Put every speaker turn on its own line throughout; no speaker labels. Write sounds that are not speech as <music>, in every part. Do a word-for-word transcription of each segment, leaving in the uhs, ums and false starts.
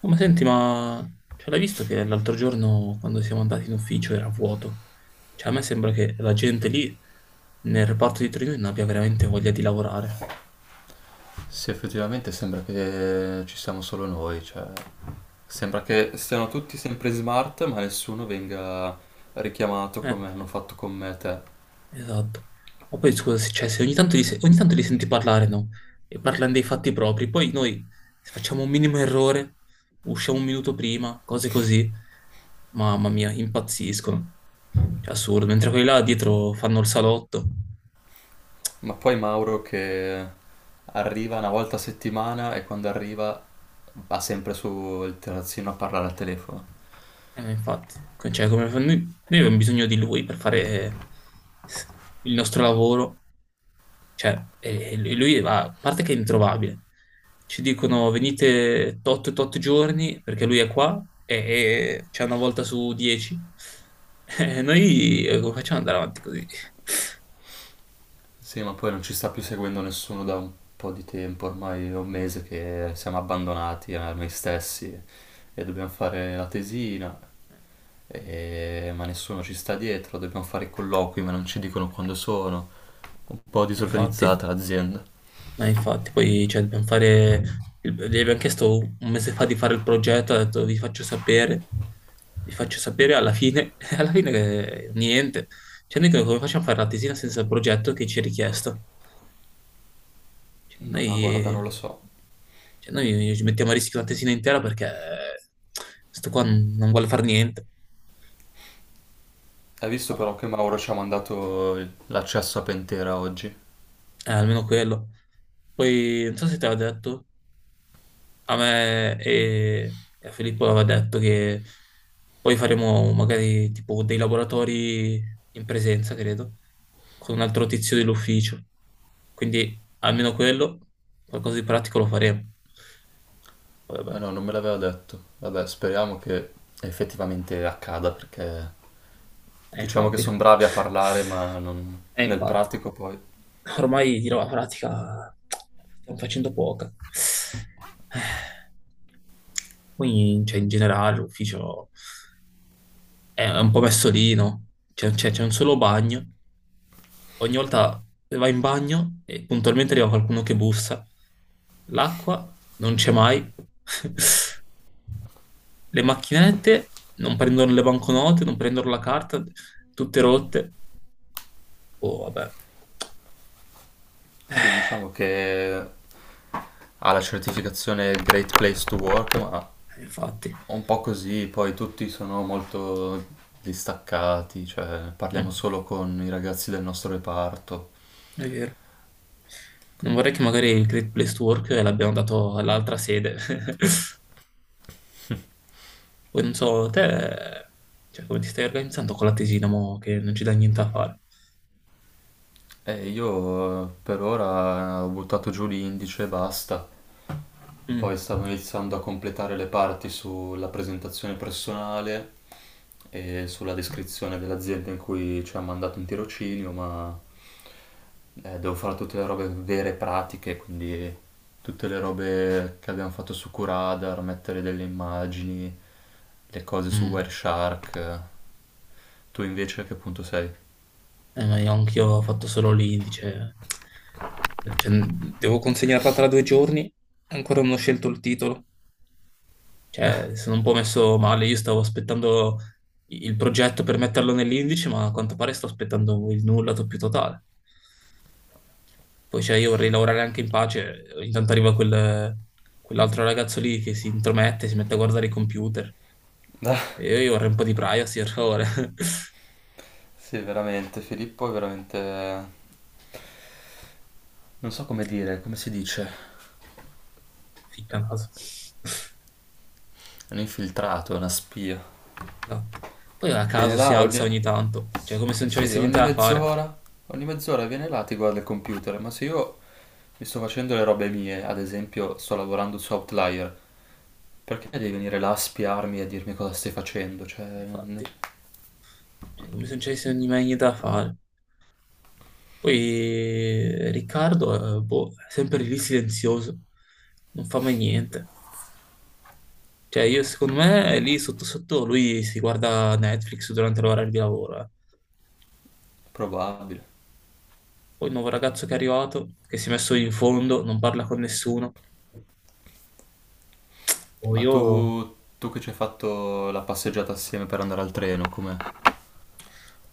No, ma senti, ma cioè, l'hai visto che l'altro giorno quando siamo andati in ufficio era vuoto? Cioè, a me sembra che la gente lì nel reparto di Torino non abbia veramente voglia di lavorare.
Sì, effettivamente sembra che ci siamo solo noi, cioè sembra che siano tutti sempre smart, ma nessuno venga richiamato
Eh,
come hanno fatto con me e te.
esatto. Ma poi scusa, se, cioè, se ogni tanto li, se- ogni tanto li senti parlare, no? E parlano dei fatti propri, poi noi se facciamo un minimo errore, usciamo un minuto prima, cose così. Mamma mia, impazziscono. Cioè, assurdo, mentre quelli là dietro fanno il salotto.
Ma poi Mauro che arriva una volta a settimana e quando arriva va sempre sul terrazzino a parlare al telefono.
Eh, infatti, co- cioè, come fa- noi, noi abbiamo bisogno di lui per fare s- il nostro lavoro, cioè, e- e lui lui va- a parte che è introvabile, ci dicono venite tot tot giorni perché lui è qua e, e c'è una volta su dieci, <laughs> e noi eh, come facciamo ad andare avanti così?
Sì, ma poi non ci sta più seguendo nessuno da un po' di tempo, ormai è un mese che siamo abbandonati a noi stessi e dobbiamo fare la tesina, e- ma nessuno ci sta dietro, dobbiamo fare i colloqui, ma non ci dicono quando sono. Un po'
Eh,
disorganizzata
Infatti.
l'azienda.
Eh, infatti, poi cioè, dobbiamo fare. il- Gli abbiamo chiesto un mese fa di fare il progetto, ha detto vi faccio sapere, vi faccio sapere alla fine, <laughs> alla fine eh, niente. Cioè, noi come facciamo a fare la tesina senza il progetto che ci è richiesto? Cioè,
Ma guarda, non
noi,
lo so.
cioè, noi ci mettiamo a rischio la tesina intera perché eh, sto qua non non vuole fare niente.
Hai visto
Boh,
però che Mauro ci ha mandato il- l'accesso a Pentera oggi?
eh, almeno quello. Poi non so se te l'ha detto, a me e e a Filippo aveva detto che poi faremo magari tipo dei laboratori in presenza, credo, con un altro tizio dell'ufficio. Quindi almeno quello, qualcosa di pratico lo faremo. Poi
Ah
vabbè,
no, non me l'aveva detto. Vabbè, speriamo che effettivamente accada perché
eh,
diciamo che
infatti.
sono bravi a parlare,
<laughs>
ma non-
Eh,
nel
infatti.
pratico poi
Ormai di roba pratica stiamo facendo poca. Eh, Quindi, cioè, in generale, l'ufficio è un po' messo lì, no? C'è c'è- c'è un solo bagno, ogni volta vai in bagno e puntualmente arriva qualcuno che bussa. L'acqua non c'è mai. <laughs> Le macchinette non prendono le banconote, non prendono la carta, tutte rotte. Oh, vabbè.
sì, diciamo che ha la certificazione Great Place to Work, ma
Eh, infatti.
un po' così, poi tutti sono molto distaccati, cioè
Mm,
parliamo solo con i ragazzi del nostro reparto.
è vero. Non vorrei che magari il Great Place to Work l'abbiano dato all'altra sede. <laughs> Poi non so, te, cioè, come ti stai organizzando con la tesina, mo, che non ci dà niente a fare.
E io eh, per ora ho buttato giù l'indice e basta.
Mm.
Poi stavo iniziando a completare le parti sulla presentazione personale e sulla descrizione dell'azienda in cui ci ha mandato in tirocinio, ma eh, devo fare tutte le robe vere e pratiche, quindi tutte le robe che abbiamo fatto su Curadar, mettere delle immagini, le cose su
Mm.
Wireshark. Tu invece a che punto sei?
Eh, ma io anch'io ho fatto solo l'indice. Cioè, devo consegnarla tra due giorni e ancora non ho scelto il titolo. Cioè, sono un po' messo male. Io stavo aspettando il progetto per metterlo nell'indice, ma a quanto pare sto aspettando il nulla più totale. Poi cioè, io vorrei lavorare anche in pace, ogni tanto arriva quel- quell'altro ragazzo lì che si intromette, si mette a guardare i computer. E io io vorrei un po' di privacy, per favore. <laughs>
Sì, veramente, Filippo è veramente... non so come dire, come si dice?
Ficca naso.
È un infiltrato, è una spia.
Esatto. Poi a
Viene
caso si
là ogni...
alza ogni tanto, cioè come se
Sì,
non ci
sì,
avesse niente
ogni
da fare.
mezz'ora, ogni mezz'ora viene là, ti guarda il computer, ma se io mi sto facendo le robe mie, ad esempio sto lavorando su Outlier, perché devi venire là a spiarmi e a dirmi cosa stai facendo? Cioè, n-
Infatti, cioè come se non ci avesse ogni- mai niente da fare. Poi eh, Riccardo, eh, boh, è sempre lì silenzioso, non fa mai niente. Cioè, io secondo me lì sotto sotto lui si guarda Netflix durante l'orario di lavoro. eh.
probabile.
Poi il nuovo ragazzo che è arrivato, che si è messo in fondo, non parla con nessuno. Poi
Ma
io...
tu, tu che ci hai fatto la passeggiata assieme per andare al treno, com'è?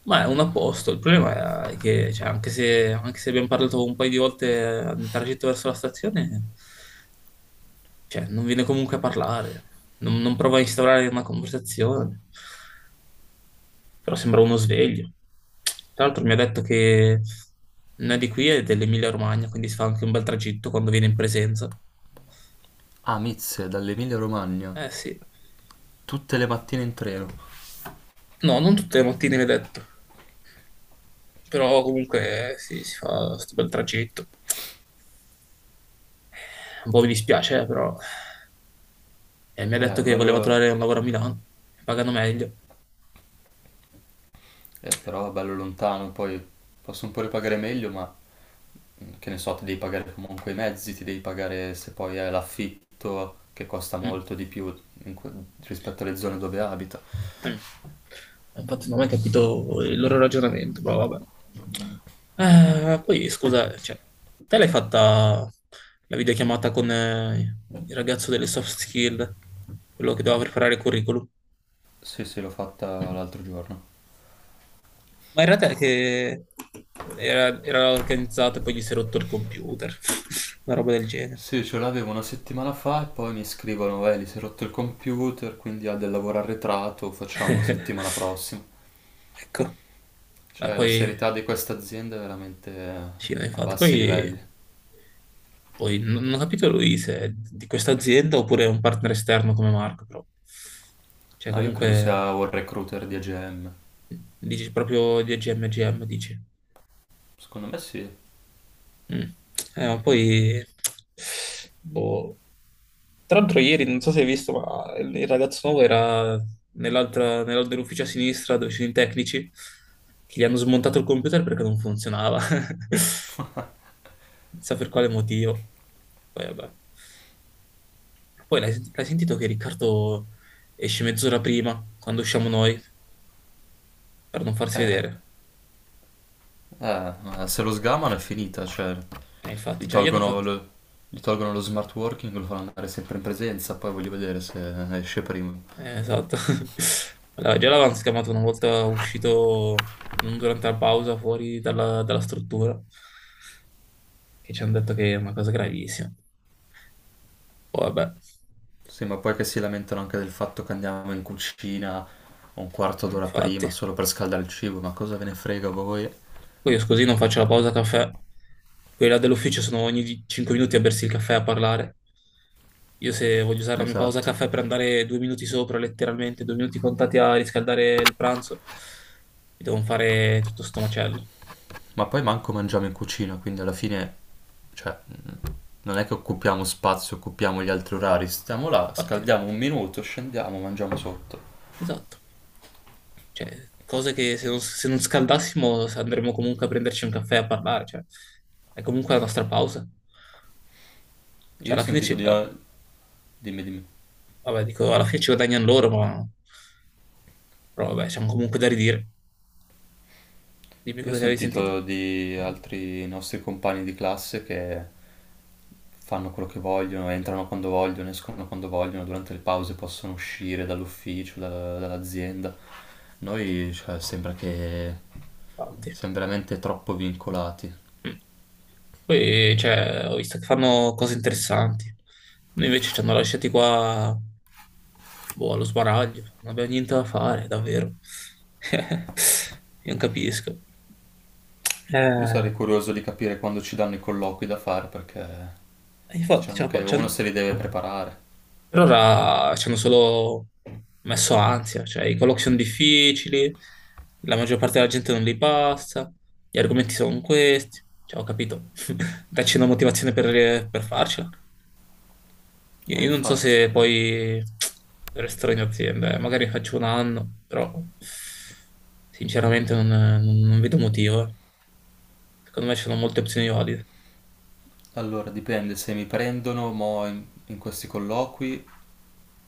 Ma è un apposto. Il problema è che, cioè, anche se, anche se abbiamo parlato un paio di volte nel tragitto verso la stazione, cioè, non viene comunque a parlare. Non, non prova a instaurare una conversazione. Però sembra uno sveglio. Tra l'altro mi ha detto che non è di qui, è dell'Emilia-Romagna, quindi si fa anche un bel tragitto quando viene in presenza.
Ah, Mizze, dall'Emilia Romagna,
Eh sì.
tutte le mattine in treno.
No, non tutte le mattine mi ha detto, però comunque eh, sì, si fa questo bel tragitto. Un po' mi dispiace, eh, però. Eh, mi ha detto
Eh,
che voleva
bello,
trovare un lavoro a Milano, pagano meglio.
eh, però bello lontano, poi posso un po' ripagare meglio, ma che ne so, ti devi pagare comunque i mezzi, ti devi pagare se poi è l'affitto che costa
Mm.
molto di più in que- rispetto alle zone dove abita.
Mm. Infatti non ho mai capito il loro ragionamento, ma vabbè. Eh, poi scusa, cioè, te l'hai fatta la videochiamata con eh, il ragazzo delle soft skill, quello che doveva preparare il curriculum?
Sì, sì, l'ho fatta l'altro giorno.
Ma era te che era, era organizzato e poi gli si è rotto il computer, <laughs> una roba del genere.
Sì, ce l'avevo una settimana fa e poi mi scrivono, eh, gli si è rotto il computer, quindi ha del lavoro arretrato, facciamo settimana
<laughs>
prossima.
Ecco, ma
Cioè, la
poi
serietà di questa azienda è veramente
sì, no,
a
infatti,
bassi livelli.
poi Poi non non ho capito lui se è di questa azienda oppure è un partner esterno come Marco, però. Cioè,
No, io credo
comunque,
sia un recruiter di A G M.
dici proprio di A G M, G M, dici.
Secondo me sì.
Mm. Eh, ma poi... Boh. Tra l'altro ieri, non so se hai visto, ma il il ragazzo nuovo era nell'altra, nell'al- nell'ufficio a sinistra dove ci sono i tecnici, che gli hanno smontato il computer perché non funzionava. <laughs> Non so per quale motivo. Poi vabbè. Poi l'hai senti- l'hai sentito che Riccardo esce mezz'ora prima, quando usciamo noi, per non farsi
Eh,
vedere?
Eh, ma se lo sgamano è finita, cioè
E infatti
gli
già gli hanno
tolgono
fatto...
lo, gli tolgono lo smart working, lo fanno andare sempre in presenza, poi voglio vedere se esce prima.
Eh, esatto. <laughs> Allora, già l'avevano scamato una volta uscito, non durante la pausa, fuori dalla, dalla struttura, che ci hanno detto che è una cosa gravissima. Poi vabbè,
Sì, ma poi che si lamentano anche del fatto che andiamo in cucina un quarto
eh,
d'ora
infatti.
prima solo per scaldare il cibo, ma cosa ve ne frega a voi?
Poi io scusi, non faccio la pausa caffè. Quelli là dell'ufficio sono ogni cinque minuti a bersi il caffè e a parlare. Io se voglio usare la mia pausa
Esatto.
caffè per andare due minuti sopra, letteralmente, due minuti contati a riscaldare il pranzo, mi devo fare tutto sto macello.
Ma poi manco mangiamo in cucina, quindi alla fine, cioè, non è che occupiamo spazio, occupiamo gli altri orari, stiamo là,
Infatti,
scaldiamo un minuto, scendiamo, mangiamo sotto.
esatto. Cioè, cose che se non, se non scaldassimo andremmo comunque a prenderci un caffè a parlare, cioè, è comunque la nostra pausa.
Io
Cioè,
ho
alla fine ci,
sentito di...
eh,
Dimmi, dimmi.
vabbè, dico, alla fine ci guadagnano loro, ma però vabbè, siamo comunque da ridire. Dimmi
Io ho
cosa che avevi sentito.
sentito di altri nostri compagni di classe che fanno quello che vogliono, entrano quando vogliono, escono quando vogliono, durante le pause possono uscire dall'ufficio, da- dall'azienda. Noi, cioè, sembra che
Infatti.
siamo veramente troppo vincolati.
Mm. Poi, cioè, ho visto che fanno cose interessanti. Noi invece ci hanno lasciati qua, boh, allo sbaraglio. Non abbiamo niente da fare, davvero. <laughs> Io non capisco.
Io
Eh,
sarei curioso di capire quando ci danno i colloqui da fare perché
infatti,
diciamo
cioè,
che
poi ci
uno
han-
se li deve preparare.
per ora ci hanno solo messo ansia. Cioè, i colloqui sono difficili, la maggior parte della gente non li passa, gli argomenti sono questi. Cioè, ho capito. <laughs> Dacci una motivazione per per farcela. Io
Eh,
io non so
infatti.
se poi resterò in azienda, eh. Magari faccio un anno, però sinceramente non, non- non vedo motivo. Eh. Secondo me ci sono molte opzioni valide.
Allora, dipende, se mi prendono mo in, in questi colloqui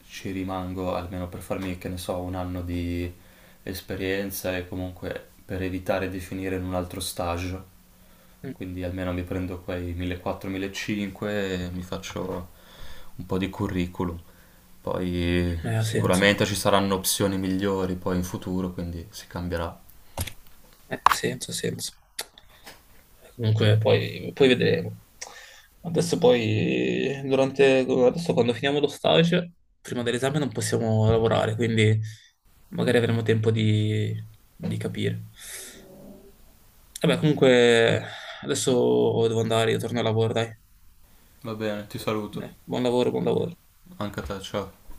ci rimango almeno per farmi, che ne so, un anno di esperienza e comunque per evitare di finire in un altro stage.
Mm,
Quindi almeno mi prendo quei millequattrocento-millecinquecento e mi faccio un po' di curriculum. Poi
eh, ha senso.
sicuramente ci saranno opzioni migliori poi in futuro, quindi si cambierà.
Eh, ha senso, ha senso. Comunque poi, poi vedremo. Adesso poi, durante, adesso quando finiamo lo stage, prima dell'esame non possiamo lavorare, quindi magari avremo tempo di, di capire. Vabbè, comunque adesso devo andare, io torno al lavoro, dai.
Va bene, ti saluto.
Eh, buon lavoro, buon lavoro.
Anche a te, ciao.